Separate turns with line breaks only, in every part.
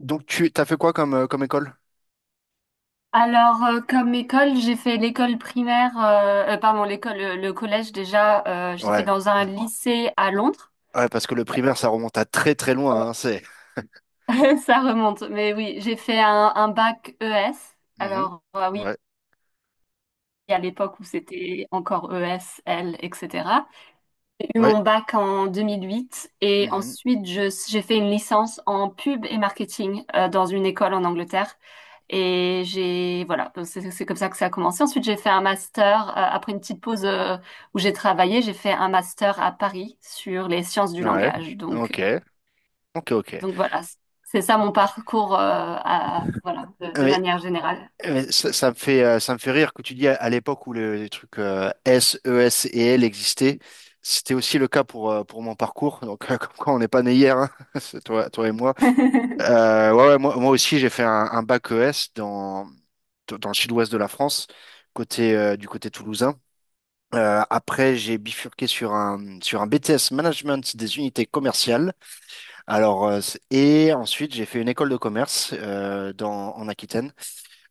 Donc tu t'as fait quoi comme école?
Comme école, j'ai fait l'école primaire, pardon, l'école, le collège déjà, j'ai fait
Ouais.
dans un lycée à Londres.
Ouais, parce que le primaire, ça remonte à très très loin, hein, c'est.
Ça remonte, mais oui, j'ai fait un bac ES.
Mhm.
Oui,
Ouais.
à l'époque où c'était encore ES, L, etc. J'ai eu
Ouais.
mon bac en 2008 et
Mhm.
ensuite j'ai fait une licence en pub et marketing dans une école en Angleterre. Et j'ai, voilà, c'est comme ça que ça a commencé. Ensuite, j'ai fait un master, après une petite pause où j'ai travaillé, j'ai fait un master à Paris sur les sciences du
Ouais.
langage. Donc,
Ok. Ok, ok.
donc voilà, c'est ça mon parcours, voilà, de
Mais,
manière générale.
mais ça me fait rire que tu dis à l'époque où les trucs S, ES et L existaient, c'était aussi le cas pour mon parcours. Donc, comme quoi, on n'est pas né hier, hein, c'est toi et moi. Ouais, ouais, moi aussi, j'ai fait un bac E S dans le sud-ouest de la France, du côté toulousain. Après, j'ai bifurqué sur un BTS Management des unités commerciales. Alors, et ensuite, j'ai fait une école de commerce en Aquitaine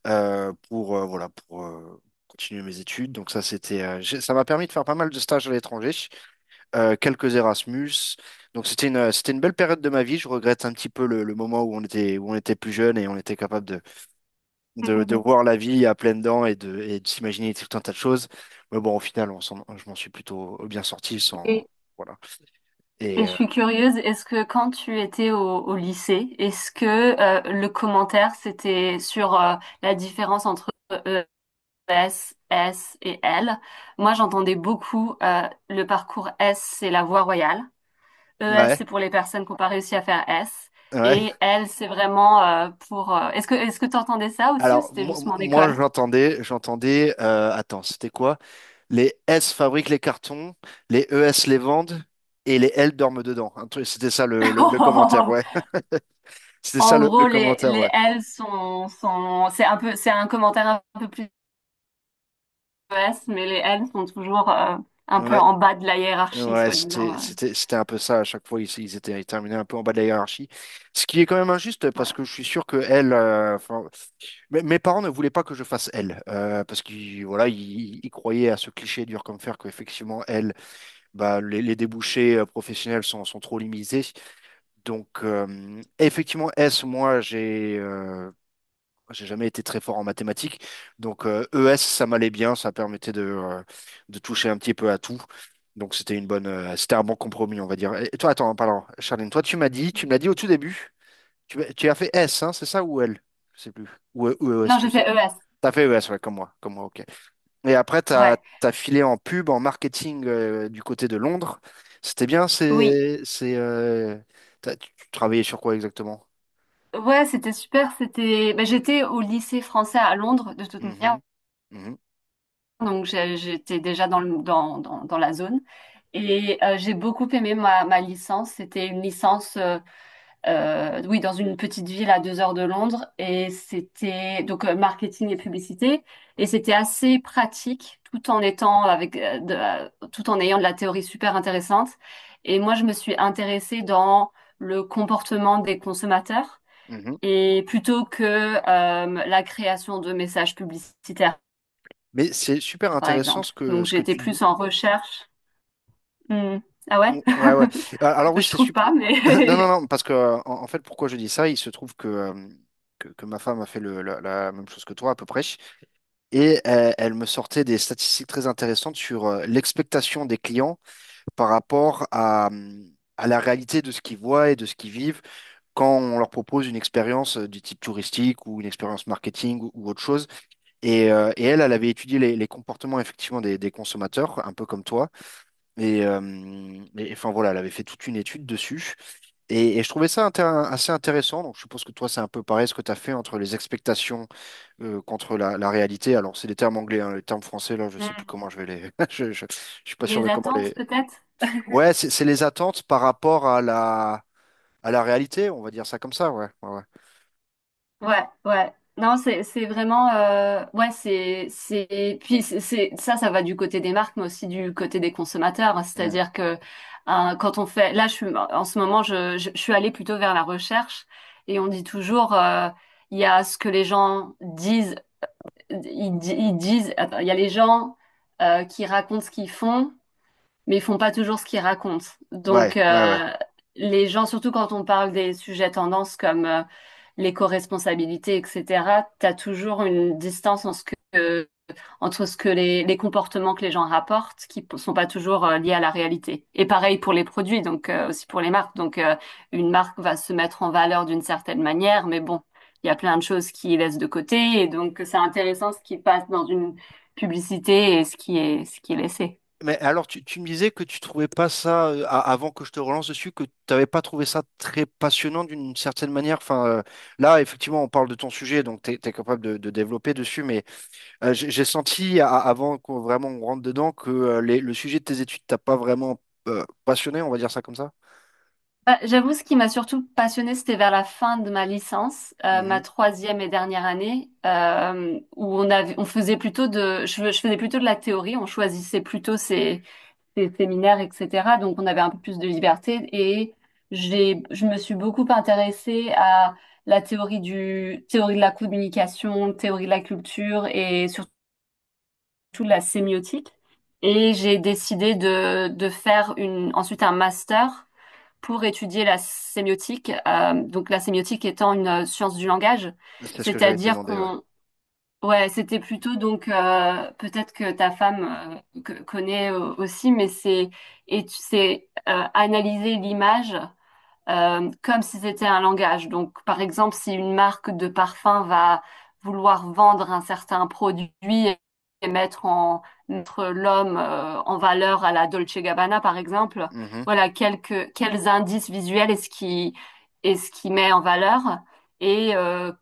voilà, pour continuer mes études. Donc, ça, ça m'a permis de faire pas mal de stages à l'étranger, quelques Erasmus. Donc, c'était une belle période de ma vie. Je regrette un petit peu le moment où on était plus jeune et on était capable de voir la vie à pleines dents et de s'imaginer tout un tas de choses. Mais bon, au final, je m'en suis plutôt bien sorti sans,
Et
voilà.
Et
Et
je
euh,
suis curieuse, est-ce que quand tu étais au, au lycée, est-ce que le commentaire c'était sur la différence entre euh, E, S, S et L? Moi, j'entendais beaucoup le parcours S, c'est la voie royale. ES,
ouais,
c'est pour les personnes qui n'ont pas réussi à faire S. Et
ouais.
L, c'est vraiment est-ce que tu entendais ça aussi ou
Alors,
c'était
moi,
juste mon
moi,
école?
j'entendais. Attends, c'était quoi? Les S fabriquent les cartons, les E S les vendent et les L dorment dedans. C'était ça le commentaire, ouais. C'était ça
En
le
gros, les,
commentaire,
les
ouais.
L c'est un peu, c'est un commentaire un peu plus ES, mais les N sont toujours un peu
Ouais.
en bas de la hiérarchie,
Ouais,
soi-disant.
c'était, c'était, c'était un peu ça. À chaque fois, ils étaient terminés un peu en bas de la hiérarchie. Ce qui est quand même injuste parce
Ouais.
que je suis sûr que elle, enfin, mes parents ne voulaient pas que je fasse elle. Parce qu'ils, voilà, ils croyaient à ce cliché dur comme fer qu'effectivement, elle, bah, les débouchés professionnels sont trop limités. Donc, effectivement, S, moi, j'ai jamais été très fort en mathématiques. Donc, ES, ça m'allait bien. Ça permettait de toucher un petit peu à tout. Donc, c'était un bon compromis, on va dire. Et toi, attends, pardon, Charline, toi, tu me l'as dit au tout début. Tu as fait S, hein, c'est ça, ou L? Je sais plus. Ou ES,
Non,
je
j'ai fait
sais.
ES.
T'as fait ES, ouais, comme moi, ok. Et après, t'as,
Ouais.
t'as filé en pub, en marketing, du côté de Londres. C'était bien,
Oui.
tu travaillais sur quoi exactement?
Ouais, c'était super. C'était. Ben, j'étais au lycée français à Londres, de toute manière.
Mhm, mhm,
Donc, j'étais déjà dans la zone. Et j'ai beaucoup aimé ma licence. C'était une licence. Oui, dans une petite ville à 2 heures de Londres. Et c'était donc marketing et publicité. Et c'était assez pratique, tout en étant avec, tout en ayant de la théorie super intéressante. Et moi, je me suis intéressée dans le comportement des consommateurs
mhm.
et plutôt que la création de messages publicitaires,
Mais c'est super
par
intéressant
exemple.
ce que,
Donc,
ce que
j'étais
tu dis.
plus en recherche. Hmm. Ah ouais?
Ouais, ouais. Alors, oui,
Je
c'est
trouve
super.
pas,
Non,
mais
non, non, parce que en fait, pourquoi je dis ça, il se trouve que ma femme a fait la même chose que toi à peu près. Et elle me sortait des statistiques très intéressantes sur l'expectation des clients par rapport à la réalité de ce qu'ils voient et de ce qu'ils vivent quand on leur propose une expérience du type touristique ou une expérience marketing ou autre chose. Et elle, elle avait étudié les comportements effectivement des consommateurs, un peu comme toi. Et enfin, voilà, elle avait fait toute une étude dessus. Et je trouvais ça assez intéressant. Donc, je suppose que toi, c'est un peu pareil ce que tu as fait entre les expectations contre la réalité. Alors, c'est des termes anglais, hein. Les termes français, là, je sais plus
Hmm.
comment je vais les. Je suis pas sûr
Les
de comment
attentes
les.
peut-être.
Ouais, c'est les attentes par rapport à la réalité, on va dire ça comme ça, ouais. Ouais, ouais.
Ouais, ouais. Non, c'est vraiment ouais, c'est puis c'est- ça ça va du côté des marques mais aussi du côté des consommateurs, hein.
Mm.
C'est-à-dire que hein, quand on fait là je suis en ce moment je suis allée plutôt vers la recherche et on dit toujours il y a ce que les gens disent ils, di- ils disent attends, il y a les gens qui racontent ce qu'ils font mais ils font pas toujours ce qu'ils racontent.
Ouais,
Donc,
ouais, ouais.
euh, les gens, surtout quand on parle des sujets tendances comme l'éco-responsabilité, etc., tu as toujours une distance entre ce que les comportements que les gens rapportent, qui sont pas toujours liés à la réalité. Et pareil pour les produits, donc aussi pour les marques. Donc, une marque va se mettre en valeur d'une certaine manière, mais bon, il y a plein de choses qui laissent de côté, et donc c'est intéressant ce qui passe dans une publicité et ce qui est laissé.
Mais alors, tu me disais que tu trouvais pas ça, avant que je te relance dessus, que tu n'avais pas trouvé ça très passionnant d'une certaine manière. Enfin, là, effectivement, on parle de ton sujet, donc tu es capable de développer dessus, mais j'ai senti, avant qu'on vraiment on rentre dedans, que le sujet de tes études t'a pas vraiment passionné, on va dire ça comme ça.
Bah, j'avoue, ce qui m'a surtout passionnée, c'était vers la fin de ma licence, ma
Mhm.
troisième et dernière année, où on avait, on faisait plutôt de, je faisais plutôt de la théorie, on choisissait plutôt ses séminaires, etc. Donc, on avait un peu plus de liberté et je me suis beaucoup intéressée à la théorie du, théorie de la communication, théorie de la culture et surtout tout de la sémiotique. Et j'ai décidé de faire ensuite un master pour étudier la sémiotique. Donc la sémiotique étant une science du langage,
C'est ce que j'allais te
c'est-à-dire
demander, ouais.
qu'on, ouais, c'était plutôt donc peut-être que ta femme connaît aussi, mais c'est analyser l'image comme si c'était un langage. Donc, par exemple, si une marque de parfum va vouloir vendre un certain produit et mettre en mettre l'homme en valeur à la Dolce Gabbana, par exemple,
Mhm.
voilà quelques quels indices visuels est-ce qui met en valeur et euh,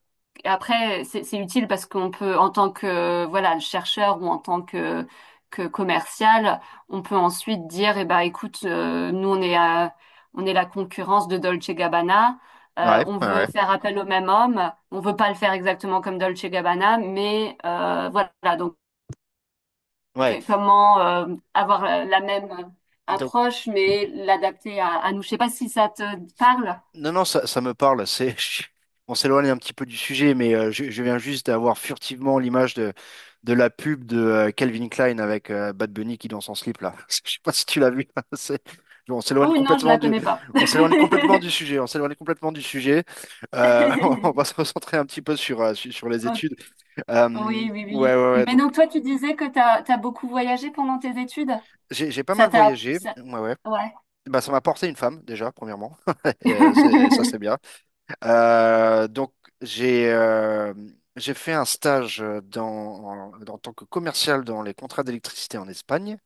et après, c'est utile parce qu'on peut, en tant que voilà, le chercheur ou en tant que commercial, on peut ensuite dire, eh ben, écoute, nous on est la concurrence de Dolce Gabbana.
Ouais,
On
ouais,
veut
ouais.
faire appel au même homme. On veut pas le faire exactement comme Dolce Gabbana, mais voilà.
Ouais.
Comment avoir la même approche, mais l'adapter à nous. Je sais pas si ça te parle.
Non, non, ça me parle. C'est, on s'éloigne un petit peu du sujet, mais je viens juste d'avoir furtivement l'image de la pub de Calvin Klein avec Bad Bunny qui danse en slip là. Je sais pas si tu l'as vu. Bon, on s'éloigne
Oh non, je
complètement
la
du,
connais pas.
on s'éloigne complètement du sujet. On s'éloigne complètement du sujet. Euh, on va se recentrer un petit peu sur les
Ok.
études. Euh,
Oui, oui,
ouais,
oui.
ouais, ouais.
Mais
Donc,
donc toi, tu disais que t'as beaucoup voyagé pendant tes études?
j'ai pas
Ça
mal
t'a...
voyagé.
ça-
Ouais, ouais.
Ouais.
Bah, ça m'a porté une femme déjà, premièrement. Ça, c'est bien. Donc, j'ai euh, j'ai fait un stage en tant que commercial dans les contrats d'électricité en Espagne.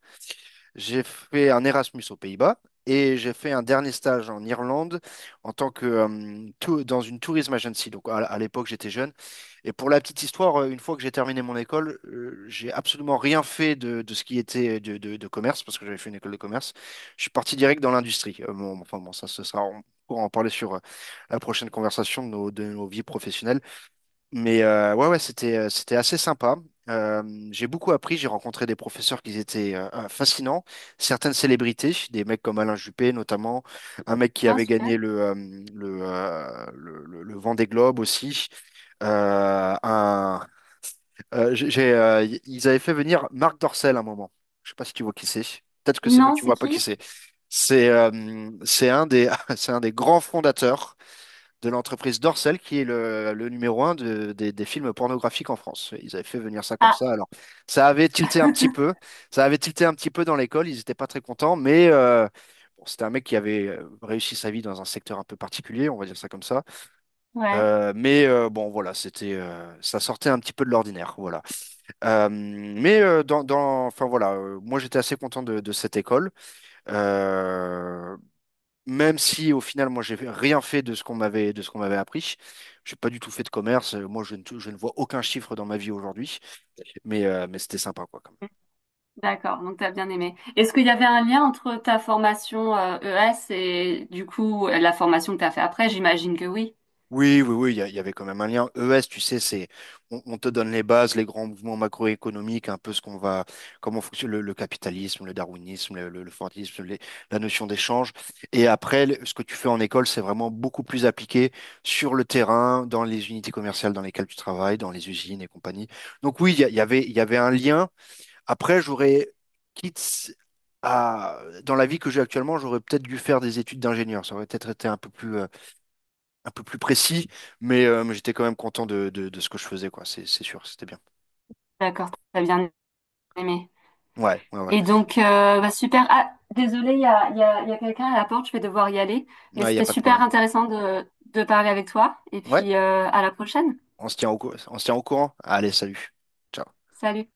J'ai fait un Erasmus aux Pays-Bas et j'ai fait un dernier stage en Irlande en tant que tou- dans une tourism agency. Donc, à l'époque, j'étais jeune. Et pour la petite histoire, une fois que j'ai terminé mon école, j'ai absolument rien fait de ce qui était de commerce parce que j'avais fait une école de commerce. Je suis parti direct dans l'industrie. Bon, enfin bon, ça, ce sera on pourra en parler sur la prochaine conversation de nos vies professionnelles. Mais ouais, ouais, c'était assez sympa. Euh, j'ai beaucoup appris, j'ai rencontré des professeurs qui étaient fascinants, certaines célébrités, des mecs comme Alain Juppé notamment, un mec qui
Ah,
avait gagné
super.
le Vendée Globe aussi. Un, j'ai, y- Ils avaient fait venir Marc Dorcel à un moment. Je sais pas si tu vois qui c'est. Peut-être que c'est mieux que
Non,
tu
c'est
vois pas qui
qui?
c'est. C'est euh, c'est un des, c'est un des grands fondateurs de l'entreprise Dorsel, qui est le numéro un des films pornographiques en France. Ils avaient fait venir ça comme
Ah,
ça. Alors, ça avait tilté un petit peu. Ça avait tilté un petit peu dans l'école. Ils n'étaient pas très contents, mais bon, c'était un mec qui avait réussi sa vie dans un secteur un peu particulier, on va dire ça comme ça.
ouais.
Mais bon, voilà, ça sortait un petit peu de l'ordinaire, voilà. Mais enfin, voilà, moi, j'étais assez content de cette école. Euh, Même si au final, moi, j'ai rien fait de ce qu'on m'avait appris. J'ai pas du tout fait de commerce. Moi, je ne vois aucun chiffre dans ma vie aujourd'hui. Mais c'était sympa, quoi.
D'accord, donc tu as bien aimé. Est-ce qu'il y avait un lien entre ta formation ES et du coup la formation que tu as fait après? J'imagine que oui.
Oui, oui, oui, il y avait quand même un lien. ES, tu sais, c'est on te donne les bases, les grands mouvements macroéconomiques, un peu comment fonctionne le capitalisme, le darwinisme, le fordisme, la notion d'échange. Et après, ce que tu fais en école, c'est vraiment beaucoup plus appliqué sur le terrain, dans les unités commerciales dans lesquelles tu travailles, dans les usines et compagnie. Donc oui, il y, a- il y avait un lien. Après, quitte à, dans la vie que j'ai actuellement, j'aurais peut-être dû faire des études d'ingénieur. Ça aurait peut-être été un peu plus précis, mais j'étais quand même content de ce que je faisais, quoi. C'est sûr, c'était bien.
D'accord, t'as bien aimé.
Ouais, ouais, ouais.
Et donc bah, super. Ah, désolée, il y a quelqu'un à la porte, je vais devoir y aller. Mais
Ouais, il n'y a
c'était
pas de
super
problème.
intéressant de parler avec toi. Et
Ouais,
puis à la prochaine.
on se tient on se tient au courant. Allez, salut. Ciao.
Salut.